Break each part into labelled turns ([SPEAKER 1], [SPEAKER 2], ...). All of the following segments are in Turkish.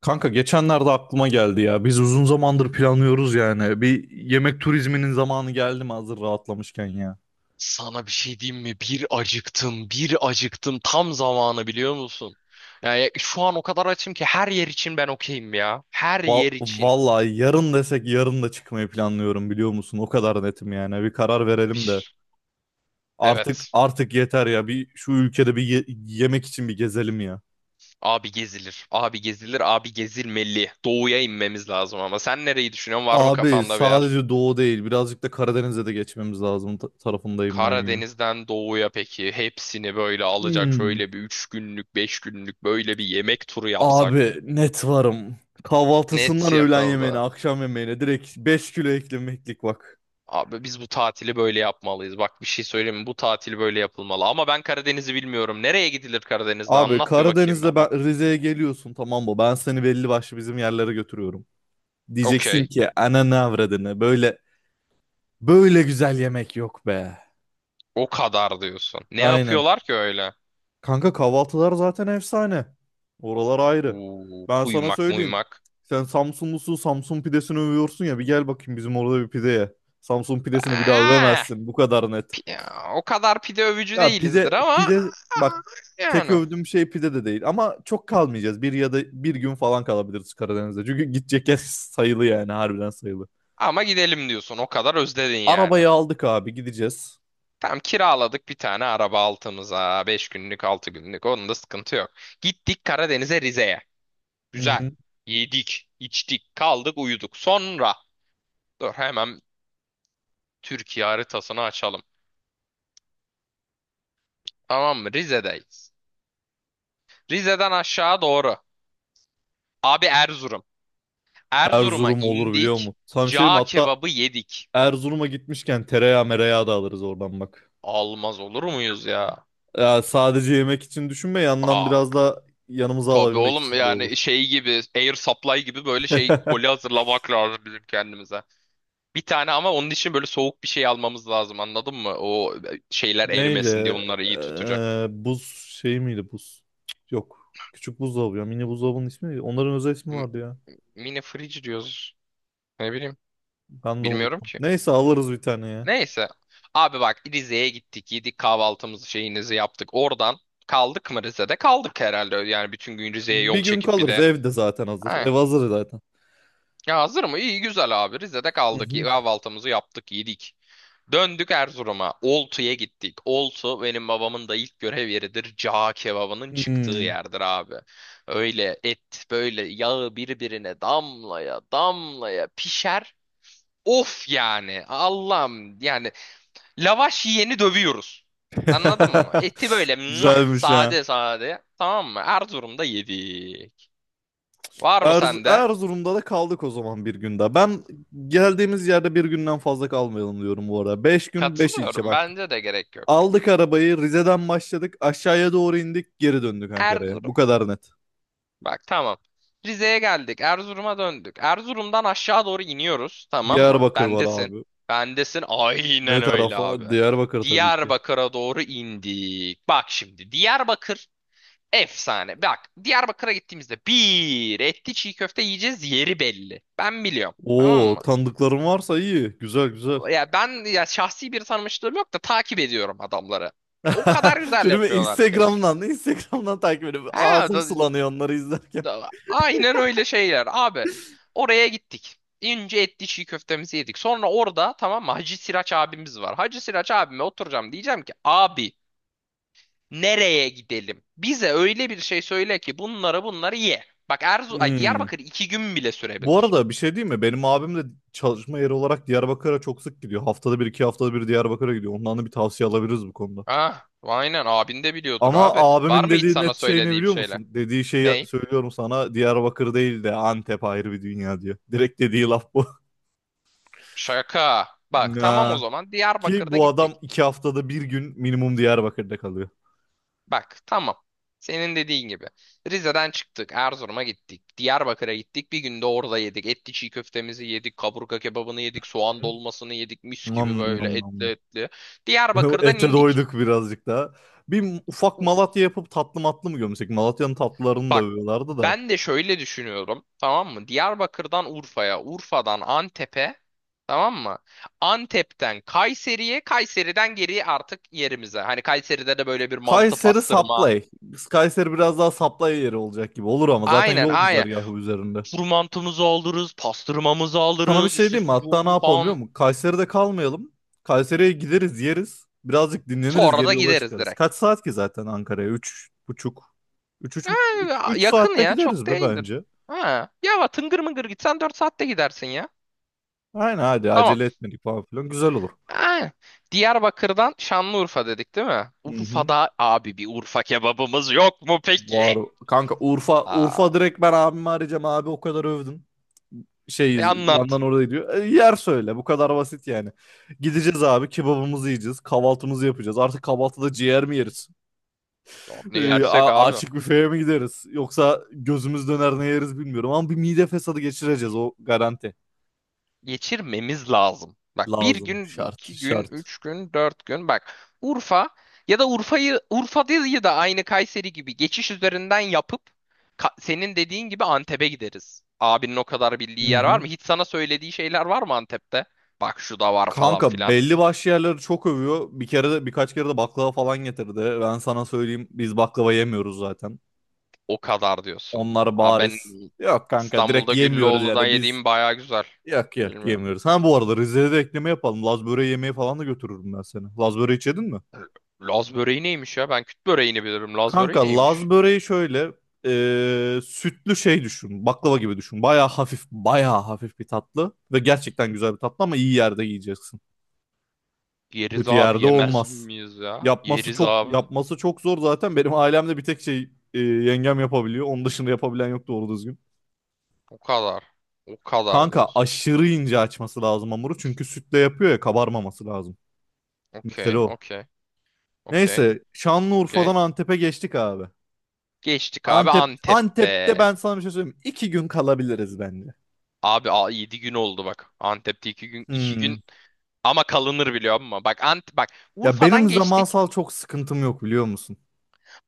[SPEAKER 1] Kanka geçenlerde aklıma geldi ya. Biz uzun zamandır planlıyoruz yani. Bir yemek turizminin zamanı geldi mi hazır rahatlamışken ya.
[SPEAKER 2] Sana bir şey diyeyim mi? Bir acıktım, bir acıktım. Tam zamanı biliyor musun? Yani şu an o kadar açım ki her yer için ben okeyim ya. Her
[SPEAKER 1] Val
[SPEAKER 2] yer için.
[SPEAKER 1] vallahi yarın desek yarın da çıkmayı planlıyorum biliyor musun? O kadar netim yani. Bir karar verelim de.
[SPEAKER 2] Bir,
[SPEAKER 1] Artık
[SPEAKER 2] evet.
[SPEAKER 1] artık yeter ya. Bir şu ülkede bir yemek için bir gezelim ya.
[SPEAKER 2] Abi gezilir. Abi gezilir. Abi gezilmeli. Doğuya inmemiz lazım ama. Sen nereyi düşünüyorsun? Var mı
[SPEAKER 1] Abi
[SPEAKER 2] kafanda bir yer?
[SPEAKER 1] sadece doğu değil. Birazcık da Karadeniz'e de geçmemiz lazım tarafındayım ben ya.
[SPEAKER 2] Karadeniz'den doğuya peki. Hepsini böyle alacak
[SPEAKER 1] Hmm.
[SPEAKER 2] şöyle bir 3 günlük, 5 günlük böyle bir yemek turu yapsak.
[SPEAKER 1] Abi net varım. Kahvaltısından
[SPEAKER 2] Net
[SPEAKER 1] öğlen yemeğine,
[SPEAKER 2] yapıldı.
[SPEAKER 1] akşam yemeğine direkt 5 kilo eklemeklik bak.
[SPEAKER 2] Abi biz bu tatili böyle yapmalıyız. Bak bir şey söyleyeyim mi? Bu tatili böyle yapılmalı. Ama ben Karadeniz'i bilmiyorum. Nereye gidilir Karadeniz'de?
[SPEAKER 1] Abi
[SPEAKER 2] Anlat bir bakayım
[SPEAKER 1] Karadeniz'de ben
[SPEAKER 2] bana.
[SPEAKER 1] Rize'ye geliyorsun tamam mı? Ben seni belli başlı bizim yerlere götürüyorum. Diyeceksin
[SPEAKER 2] Okey.
[SPEAKER 1] ki ana ananı avradını böyle böyle güzel yemek yok be.
[SPEAKER 2] O kadar diyorsun. Ne
[SPEAKER 1] Aynen.
[SPEAKER 2] yapıyorlar ki öyle?
[SPEAKER 1] Kanka kahvaltılar zaten efsane. Oralar ayrı.
[SPEAKER 2] Uuu,
[SPEAKER 1] Ben sana
[SPEAKER 2] kuymak
[SPEAKER 1] söyleyeyim.
[SPEAKER 2] muymak.
[SPEAKER 1] Sen Samsunlusun, Samsun pidesini övüyorsun ya bir gel bakayım bizim orada bir pideye. Ye. Samsun pidesini bir daha
[SPEAKER 2] Ah,
[SPEAKER 1] övemezsin. Bu kadar net.
[SPEAKER 2] pi- o kadar pide övücü
[SPEAKER 1] Ya
[SPEAKER 2] değilizdir
[SPEAKER 1] pide
[SPEAKER 2] ama
[SPEAKER 1] pide bak,
[SPEAKER 2] ah,
[SPEAKER 1] tek
[SPEAKER 2] yani.
[SPEAKER 1] övdüğüm şey pide de değil ama çok kalmayacağız. Bir ya da bir gün falan kalabiliriz Karadeniz'de. Çünkü gidecek yer sayılı yani harbiden sayılı.
[SPEAKER 2] Ama gidelim diyorsun. O kadar özledin yani.
[SPEAKER 1] Arabayı aldık abi gideceğiz.
[SPEAKER 2] Tam kiraladık bir tane araba altımıza. 5 günlük 6 günlük. Onun da sıkıntı yok. Gittik Karadeniz'e Rize'ye.
[SPEAKER 1] Hı
[SPEAKER 2] Güzel.
[SPEAKER 1] hı.
[SPEAKER 2] Yedik, içtik, kaldık, uyuduk. Sonra dur hemen Türkiye haritasını açalım. Tamam mı? Rize'deyiz. Rize'den aşağı doğru. Abi Erzurum. Erzurum'a
[SPEAKER 1] Erzurum olur biliyor
[SPEAKER 2] indik.
[SPEAKER 1] musun? Samşerim
[SPEAKER 2] Cağ
[SPEAKER 1] hatta
[SPEAKER 2] kebabı yedik.
[SPEAKER 1] Erzurum'a gitmişken tereyağı mereyağı da alırız oradan bak.
[SPEAKER 2] Almaz olur muyuz ya?
[SPEAKER 1] Ya sadece yemek için düşünme, yandan
[SPEAKER 2] Aa,
[SPEAKER 1] biraz da yanımıza
[SPEAKER 2] tabii
[SPEAKER 1] alabilmek
[SPEAKER 2] oğlum
[SPEAKER 1] için de olur.
[SPEAKER 2] yani şey gibi air supply gibi böyle şey koli hazırlamak lazım bizim kendimize. Bir tane ama onun için böyle soğuk bir şey almamız lazım anladın mı? O şeyler erimesin diye
[SPEAKER 1] Neydi?
[SPEAKER 2] onları iyi tutacak.
[SPEAKER 1] Buz şey miydi buz? Yok. Küçük buzdolabı ya. Mini buzdolabının ismi neydi? Onların özel ismi
[SPEAKER 2] M-
[SPEAKER 1] vardı ya.
[SPEAKER 2] Mini fridge diyoruz. Ne bileyim.
[SPEAKER 1] Ben de
[SPEAKER 2] Bilmiyorum
[SPEAKER 1] unuttum.
[SPEAKER 2] ki.
[SPEAKER 1] Neyse alırız bir tane ya.
[SPEAKER 2] Neyse. Abi bak Rize'ye gittik. Yedik kahvaltımızı şeyinizi yaptık. Oradan kaldık mı Rize'de? Kaldık herhalde. Yani bütün gün Rize'ye
[SPEAKER 1] Bir
[SPEAKER 2] yol
[SPEAKER 1] gün
[SPEAKER 2] çekip bir
[SPEAKER 1] kalırız.
[SPEAKER 2] de.
[SPEAKER 1] Ev de zaten hazır.
[SPEAKER 2] Ha.
[SPEAKER 1] Ev hazır zaten.
[SPEAKER 2] Ya hazır mı? İyi güzel abi. Rize'de
[SPEAKER 1] Hı
[SPEAKER 2] kaldık.
[SPEAKER 1] hı.
[SPEAKER 2] Kahvaltımızı yaptık. Yedik. Döndük Erzurum'a. Oltu'ya gittik. Oltu benim babamın da ilk görev yeridir. Cağ kebabının çıktığı
[SPEAKER 1] Hmm.
[SPEAKER 2] yerdir abi. Öyle et böyle yağı birbirine damlaya damlaya pişer. Of yani Allah'ım yani lavaş yiyeni dövüyoruz. Anladın mı? Eti böyle muah,
[SPEAKER 1] Güzelmiş ha.
[SPEAKER 2] sade sade. Tamam mı? Erzurum'da yedik. Var mı sende?
[SPEAKER 1] Erzurum'da da kaldık o zaman bir gün daha. Ben geldiğimiz yerde bir günden fazla kalmayalım diyorum bu arada. 5 gün 5 ilçe
[SPEAKER 2] Katılıyorum.
[SPEAKER 1] bak.
[SPEAKER 2] Bence de gerek yok.
[SPEAKER 1] Aldık arabayı, Rize'den başladık aşağıya doğru indik, geri döndük Ankara'ya. Bu
[SPEAKER 2] Erzurum.
[SPEAKER 1] kadar net.
[SPEAKER 2] Bak tamam. Rize'ye geldik. Erzurum'a döndük. Erzurum'dan aşağı doğru iniyoruz. Tamam mı?
[SPEAKER 1] Diyarbakır var
[SPEAKER 2] Bendesin.
[SPEAKER 1] abi.
[SPEAKER 2] Bendesin.
[SPEAKER 1] Ne
[SPEAKER 2] Aynen öyle abi.
[SPEAKER 1] tarafa? Diyarbakır tabii ki.
[SPEAKER 2] Diyarbakır'a doğru indik. Bak şimdi Diyarbakır efsane. Bak Diyarbakır'a gittiğimizde bir etli çiğ köfte yiyeceğiz yeri belli. Ben biliyorum. Tamam
[SPEAKER 1] Oo,
[SPEAKER 2] mı?
[SPEAKER 1] tanıdıklarım varsa iyi. Güzel güzel.
[SPEAKER 2] Ya ben ya şahsi bir tanımışlığım yok da takip ediyorum adamları. O kadar güzel
[SPEAKER 1] Şimdi bir
[SPEAKER 2] yapıyorlar ki.
[SPEAKER 1] Instagram'dan takip ediyorum.
[SPEAKER 2] Ha,
[SPEAKER 1] Ağzım sulanıyor onları izlerken.
[SPEAKER 2] aynen öyle şeyler abi. Oraya gittik. İnce etli çiğ köftemizi yedik. Sonra orada tamam mı Hacı Siraç abimiz var. Hacı Siraç abime oturacağım diyeceğim ki abi nereye gidelim? Bize öyle bir şey söyle ki bunlara bunları ye. Bak Erzu ay
[SPEAKER 1] Hmm.
[SPEAKER 2] Diyarbakır 2 gün bile
[SPEAKER 1] Bu
[SPEAKER 2] sürebilir.
[SPEAKER 1] arada bir şey diyeyim mi? Benim abim de çalışma yeri olarak Diyarbakır'a çok sık gidiyor. Haftada bir, iki haftada bir Diyarbakır'a gidiyor. Ondan da bir tavsiye alabiliriz bu konuda.
[SPEAKER 2] Ah, aynen abin de biliyordur
[SPEAKER 1] Ama
[SPEAKER 2] abi. Var
[SPEAKER 1] abimin
[SPEAKER 2] mı hiç
[SPEAKER 1] dediği
[SPEAKER 2] sana
[SPEAKER 1] net şey ne
[SPEAKER 2] söylediği bir
[SPEAKER 1] biliyor
[SPEAKER 2] şeyler?
[SPEAKER 1] musun? Dediği şeyi
[SPEAKER 2] Ney?
[SPEAKER 1] söylüyorum sana. Diyarbakır değil de Antep ayrı bir dünya diyor. Direkt dediği laf bu.
[SPEAKER 2] Şaka. Bak tamam o
[SPEAKER 1] Ya.
[SPEAKER 2] zaman
[SPEAKER 1] Ki
[SPEAKER 2] Diyarbakır'da
[SPEAKER 1] bu adam
[SPEAKER 2] gittik.
[SPEAKER 1] iki haftada bir gün minimum Diyarbakır'da kalıyor.
[SPEAKER 2] Bak tamam. Senin dediğin gibi. Rize'den çıktık, Erzurum'a gittik. Diyarbakır'a gittik. Bir günde orada yedik. Etli çiğ köftemizi yedik, kaburga kebabını yedik, soğan
[SPEAKER 1] Hı.
[SPEAKER 2] dolmasını yedik. Mis gibi
[SPEAKER 1] Nam
[SPEAKER 2] böyle
[SPEAKER 1] nam
[SPEAKER 2] etli
[SPEAKER 1] nam.
[SPEAKER 2] etli. Diyarbakır'dan
[SPEAKER 1] Ete
[SPEAKER 2] indik.
[SPEAKER 1] doyduk birazcık daha. Bir ufak Malatya yapıp tatlı matlı mı gömsek? Malatya'nın tatlılarını da
[SPEAKER 2] Bak
[SPEAKER 1] övüyorlardı da.
[SPEAKER 2] ben de şöyle düşünüyorum tamam mı? Diyarbakır'dan Urfa'ya, Urfa'dan Antep'e tamam mı? Antep'ten Kayseri'ye, Kayseri'den geriye artık yerimize. Hani Kayseri'de de böyle bir mantı
[SPEAKER 1] Kayseri
[SPEAKER 2] pastırma.
[SPEAKER 1] Saplay. Kayseri biraz daha Saplay yeri olacak gibi olur ama zaten
[SPEAKER 2] Aynen
[SPEAKER 1] yol
[SPEAKER 2] aynen.
[SPEAKER 1] güzergahı üzerinde.
[SPEAKER 2] Kuru mantımızı alırız, pastırmamızı
[SPEAKER 1] Sana bir
[SPEAKER 2] alırız,
[SPEAKER 1] şey
[SPEAKER 2] işte
[SPEAKER 1] diyeyim mi? Hatta ne
[SPEAKER 2] sucuğu
[SPEAKER 1] yapalım biliyor
[SPEAKER 2] falan.
[SPEAKER 1] musun? Kayseri'de kalmayalım. Kayseri'ye gideriz, yeriz. Birazcık dinleniriz,
[SPEAKER 2] Sonra
[SPEAKER 1] geri
[SPEAKER 2] da
[SPEAKER 1] yola
[SPEAKER 2] gideriz
[SPEAKER 1] çıkarız.
[SPEAKER 2] direkt.
[SPEAKER 1] Kaç saat ki zaten Ankara'ya? 3,5. Üç, üç,
[SPEAKER 2] Ha,
[SPEAKER 1] üç
[SPEAKER 2] yakın
[SPEAKER 1] saatte
[SPEAKER 2] ya çok
[SPEAKER 1] gideriz be
[SPEAKER 2] değildir.
[SPEAKER 1] bence.
[SPEAKER 2] Ha, ya tıngır mıngır gitsen 4 saatte gidersin ya.
[SPEAKER 1] Aynen, hadi
[SPEAKER 2] Tamam.
[SPEAKER 1] acele etmedik falan filan, güzel olur.
[SPEAKER 2] Aynen. Diyarbakır'dan Şanlıurfa dedik değil mi?
[SPEAKER 1] Hı hı.
[SPEAKER 2] Urfa'da abi bir Urfa kebabımız yok mu peki?
[SPEAKER 1] Var. Kanka, Urfa Urfa,
[SPEAKER 2] Aa,
[SPEAKER 1] direkt ben abimi arayacağım, abi o kadar övdün. Şey
[SPEAKER 2] e anlat.
[SPEAKER 1] yandan orada diyor. Yer söyle, bu kadar basit yani. Gideceğiz abi, kebabımızı yiyeceğiz, kahvaltımızı yapacağız. Artık kahvaltıda ciğer mi yeriz?
[SPEAKER 2] Ya, ne
[SPEAKER 1] E,
[SPEAKER 2] yersek
[SPEAKER 1] a-
[SPEAKER 2] abi?
[SPEAKER 1] açık büfeye mi gideriz? Yoksa gözümüz döner ne yeriz bilmiyorum ama bir mide fesadı geçireceğiz, o garanti.
[SPEAKER 2] Geçirmemiz lazım. Bak bir
[SPEAKER 1] Lazım,
[SPEAKER 2] gün,
[SPEAKER 1] şart
[SPEAKER 2] 2 gün,
[SPEAKER 1] şart.
[SPEAKER 2] 3 gün, 4 gün. Bak Urfa ya da Urfa'yı Urfa değil de aynı Kayseri gibi geçiş üzerinden yapıp senin dediğin gibi Antep'e gideriz. Abinin o kadar
[SPEAKER 1] Hı
[SPEAKER 2] bildiği yer var
[SPEAKER 1] hı.
[SPEAKER 2] mı? Hiç sana söylediği şeyler var mı Antep'te? Bak şu da var falan
[SPEAKER 1] Kanka
[SPEAKER 2] filan.
[SPEAKER 1] belli başlı yerleri çok övüyor. Bir kere de, birkaç kere de baklava falan getirdi. Ben sana söyleyeyim, biz baklava yemiyoruz zaten.
[SPEAKER 2] O kadar diyorsun.
[SPEAKER 1] Onlar
[SPEAKER 2] Aa ben
[SPEAKER 1] bariz. Yok kanka, direkt
[SPEAKER 2] İstanbul'da
[SPEAKER 1] yemiyoruz
[SPEAKER 2] Güllüoğlu'dan
[SPEAKER 1] yani biz.
[SPEAKER 2] yediğim baya güzel.
[SPEAKER 1] Yok yok,
[SPEAKER 2] Bilmiyorum.
[SPEAKER 1] yemiyoruz. Ha bu arada Rize'de de ekleme yapalım. Laz böreği yemeği falan da götürürüm ben seni. Laz böreği hiç yedin mi?
[SPEAKER 2] Laz böreği neymiş ya? Ben küt böreğini bilirim. Laz böreği
[SPEAKER 1] Kanka Laz
[SPEAKER 2] neymiş?
[SPEAKER 1] böreği şöyle sütlü şey düşün. Baklava gibi düşün. Baya hafif, baya hafif bir tatlı. Ve gerçekten güzel bir tatlı ama iyi yerde yiyeceksin.
[SPEAKER 2] Yeriz
[SPEAKER 1] Kötü
[SPEAKER 2] abi
[SPEAKER 1] yerde
[SPEAKER 2] yemez
[SPEAKER 1] olmaz.
[SPEAKER 2] miyiz ya?
[SPEAKER 1] Yapması
[SPEAKER 2] Yeriz
[SPEAKER 1] çok,
[SPEAKER 2] abi.
[SPEAKER 1] yapması çok zor zaten. Benim ailemde bir tek yengem yapabiliyor. Onun dışında yapabilen yok doğru düzgün.
[SPEAKER 2] O kadar. O kadar
[SPEAKER 1] Kanka
[SPEAKER 2] diyorsun.
[SPEAKER 1] aşırı ince açması lazım hamuru. Çünkü sütle yapıyor ya, kabarmaması lazım. Mesela
[SPEAKER 2] Okey,
[SPEAKER 1] o.
[SPEAKER 2] okey, okey,
[SPEAKER 1] Neyse, Şanlıurfa'dan
[SPEAKER 2] okey.
[SPEAKER 1] Antep'e geçtik abi.
[SPEAKER 2] Geçtik abi
[SPEAKER 1] Antep'te
[SPEAKER 2] Antep'te.
[SPEAKER 1] ben sana bir şey söyleyeyim mi? 2 gün kalabiliriz bence.
[SPEAKER 2] Abi a, 7 gün oldu bak. Antep'te 2 gün 2 gün
[SPEAKER 1] Hmm.
[SPEAKER 2] ama kalınır biliyor musun? Bak
[SPEAKER 1] Ya
[SPEAKER 2] Urfa'dan
[SPEAKER 1] benim
[SPEAKER 2] geçtik.
[SPEAKER 1] zamansal çok sıkıntım yok biliyor musun?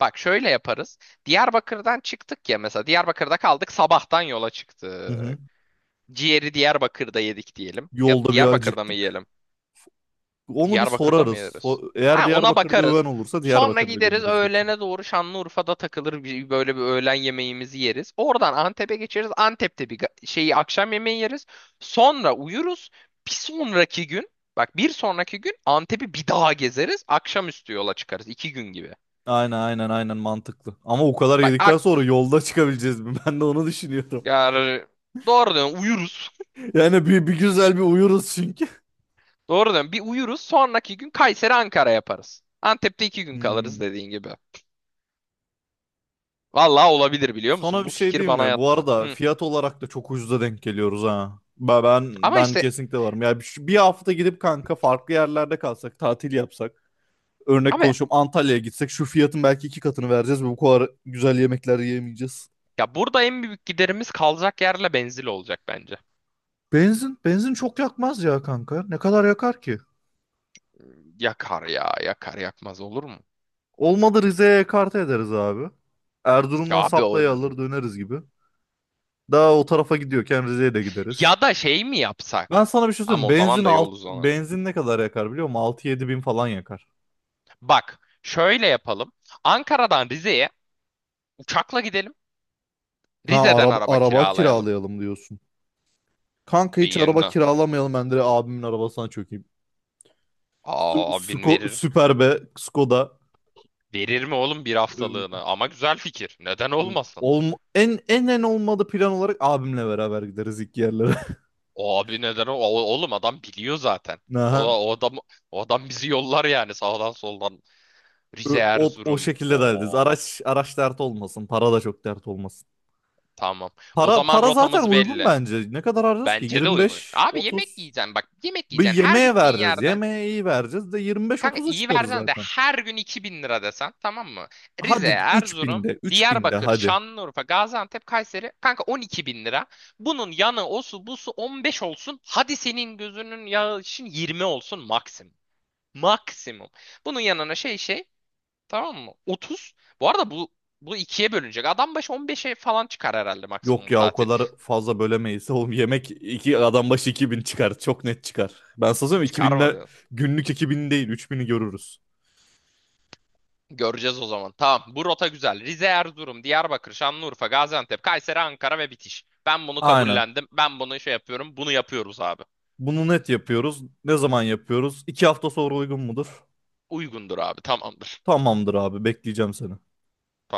[SPEAKER 2] Bak şöyle yaparız. Diyarbakır'dan çıktık ya mesela. Diyarbakır'da kaldık, sabahtan yola
[SPEAKER 1] Hı hı.
[SPEAKER 2] çıktık. Ciğeri Diyarbakır'da yedik diyelim. Ya da
[SPEAKER 1] Yolda bir
[SPEAKER 2] Diyarbakır'da mı
[SPEAKER 1] acıktık.
[SPEAKER 2] yiyelim?
[SPEAKER 1] Onu bir
[SPEAKER 2] Diyarbakır'da mı
[SPEAKER 1] sorarız.
[SPEAKER 2] yeriz?
[SPEAKER 1] Eğer
[SPEAKER 2] Ha, ona
[SPEAKER 1] Diyarbakır'da öven
[SPEAKER 2] bakarız.
[SPEAKER 1] olursa
[SPEAKER 2] Sonra
[SPEAKER 1] Diyarbakır'da
[SPEAKER 2] gideriz
[SPEAKER 1] gömeriz geçeriz.
[SPEAKER 2] öğlene doğru Şanlıurfa'da takılır böyle bir öğlen yemeğimizi yeriz. Oradan Antep'e geçeriz. Antep'te bir şeyi akşam yemeği yeriz. Sonra uyuruz. Bir sonraki gün bak bir sonraki gün Antep'i bir daha gezeriz. Akşamüstü yola çıkarız. 2 gün gibi.
[SPEAKER 1] Aynen aynen aynen, mantıklı. Ama o kadar
[SPEAKER 2] Bak
[SPEAKER 1] yedikten sonra yolda çıkabileceğiz mi? Ben de onu düşünüyorum.
[SPEAKER 2] yani doğru diyorsun uyuruz.
[SPEAKER 1] Yani bir güzel bir uyuruz çünkü.
[SPEAKER 2] Doğru diyorsun bir uyuruz sonraki gün Kayseri Ankara yaparız. Antep'te 2 gün
[SPEAKER 1] Hmm.
[SPEAKER 2] kalırız dediğin gibi. Vallahi olabilir biliyor
[SPEAKER 1] Sana
[SPEAKER 2] musun?
[SPEAKER 1] bir
[SPEAKER 2] Bu
[SPEAKER 1] şey
[SPEAKER 2] fikir
[SPEAKER 1] diyeyim
[SPEAKER 2] bana
[SPEAKER 1] mi? Bu
[SPEAKER 2] yattı.
[SPEAKER 1] arada
[SPEAKER 2] Hı.
[SPEAKER 1] fiyat olarak da çok ucuza denk geliyoruz ha. Ben ben,
[SPEAKER 2] Ama
[SPEAKER 1] ben
[SPEAKER 2] işte
[SPEAKER 1] kesinlikle varım. Ya bir hafta gidip kanka farklı yerlerde kalsak, tatil yapsak. Örnek
[SPEAKER 2] abi
[SPEAKER 1] konuşuyorum, Antalya'ya gitsek şu fiyatın belki 2 katını vereceğiz ve bu kadar güzel yemekler yiyemeyeceğiz.
[SPEAKER 2] ya burada en büyük giderimiz kalacak yerle benzin olacak bence.
[SPEAKER 1] Benzin çok yakmaz ya kanka. Ne kadar yakar ki?
[SPEAKER 2] Yakar ya yakar yakmaz olur mu?
[SPEAKER 1] Olmadı Rize'ye ekarte ederiz abi.
[SPEAKER 2] Ya
[SPEAKER 1] Erzurum'dan
[SPEAKER 2] abi o
[SPEAKER 1] saplayı alır döneriz gibi. Daha o tarafa gidiyorken Rize'ye de gideriz.
[SPEAKER 2] ya da şey mi
[SPEAKER 1] Ben
[SPEAKER 2] yapsak?
[SPEAKER 1] sana bir şey söyleyeyim.
[SPEAKER 2] Ama o
[SPEAKER 1] Benzin
[SPEAKER 2] zaman da yol
[SPEAKER 1] alt,
[SPEAKER 2] uzanır.
[SPEAKER 1] benzin ne kadar yakar biliyor musun? 6 7 bin falan yakar.
[SPEAKER 2] Bak şöyle yapalım. Ankara'dan Rize'ye uçakla gidelim.
[SPEAKER 1] Ha
[SPEAKER 2] Rize'den
[SPEAKER 1] araba,
[SPEAKER 2] araba
[SPEAKER 1] araba
[SPEAKER 2] kiralayalım.
[SPEAKER 1] kiralayalım diyorsun. Kanka
[SPEAKER 2] E,
[SPEAKER 1] hiç araba
[SPEAKER 2] yeni.
[SPEAKER 1] kiralamayalım, ben direkt abimin arabasına çökeyim.
[SPEAKER 2] Aa abin verir.
[SPEAKER 1] Süper be Skoda.
[SPEAKER 2] Verir mi oğlum bir
[SPEAKER 1] Ee,
[SPEAKER 2] haftalığını? Ama güzel fikir. Neden
[SPEAKER 1] e,
[SPEAKER 2] olmasın?
[SPEAKER 1] Olm en en en olmadı, plan olarak abimle beraber gideriz ilk yerlere.
[SPEAKER 2] O abi neden oğlum adam biliyor zaten. O,
[SPEAKER 1] Aha.
[SPEAKER 2] o adam o adam bizi yollar yani sağdan soldan. Rize
[SPEAKER 1] O
[SPEAKER 2] Erzurum.
[SPEAKER 1] şekilde derdiniz.
[SPEAKER 2] Oo
[SPEAKER 1] Araç dert olmasın. Para da çok dert olmasın.
[SPEAKER 2] tamam. O
[SPEAKER 1] Para
[SPEAKER 2] zaman
[SPEAKER 1] para zaten
[SPEAKER 2] rotamız
[SPEAKER 1] uygun
[SPEAKER 2] belli.
[SPEAKER 1] bence. Ne kadar harcıyoruz ki?
[SPEAKER 2] Bence de uygun.
[SPEAKER 1] 25
[SPEAKER 2] Abi yemek
[SPEAKER 1] 30
[SPEAKER 2] yiyeceksin bak. Yemek
[SPEAKER 1] bir
[SPEAKER 2] yiyeceksin her
[SPEAKER 1] yemeğe
[SPEAKER 2] gittiğin
[SPEAKER 1] vereceğiz.
[SPEAKER 2] yerde.
[SPEAKER 1] Yemeğe iyi vereceğiz de 25
[SPEAKER 2] Kanka
[SPEAKER 1] 30'a
[SPEAKER 2] iyi
[SPEAKER 1] çıkarız
[SPEAKER 2] versen de
[SPEAKER 1] zaten.
[SPEAKER 2] her gün 2.000 lira desen tamam mı? Rize,
[SPEAKER 1] Hadi
[SPEAKER 2] Erzurum,
[SPEAKER 1] 3000'de 3000'de
[SPEAKER 2] Diyarbakır,
[SPEAKER 1] hadi.
[SPEAKER 2] Şanlıurfa, Gaziantep, Kayseri kanka 12.000 lira. Bunun yanı osu busu 15 olsun. Hadi senin gözünün yağı için 20 olsun maksimum. Maksimum. Bunun yanına şey tamam mı? 30. Bu arada bu ikiye bölünecek. Adam başı 15'e falan çıkar herhalde maksimum
[SPEAKER 1] Yok
[SPEAKER 2] bu
[SPEAKER 1] ya, o
[SPEAKER 2] tatil.
[SPEAKER 1] kadar fazla bölemeyiz. Oğlum yemek iki adam başı 2000 çıkar. Çok net çıkar. Ben sana söyleyeyim, 2000'de
[SPEAKER 2] Çıkarmadı.
[SPEAKER 1] günlük, 2000 değil 3000'i görürüz.
[SPEAKER 2] Göreceğiz o zaman. Tamam. Bu rota güzel. Rize, Erzurum, Diyarbakır, Şanlıurfa, Gaziantep, Kayseri, Ankara ve bitiş. Ben bunu
[SPEAKER 1] Aynen.
[SPEAKER 2] kabullendim. Ben bunu şey yapıyorum. Bunu yapıyoruz abi.
[SPEAKER 1] Bunu net yapıyoruz. Ne zaman yapıyoruz? 2 hafta sonra uygun mudur?
[SPEAKER 2] Uygundur abi. Tamamdır.
[SPEAKER 1] Tamamdır abi, bekleyeceğim seni.
[SPEAKER 2] Tamam.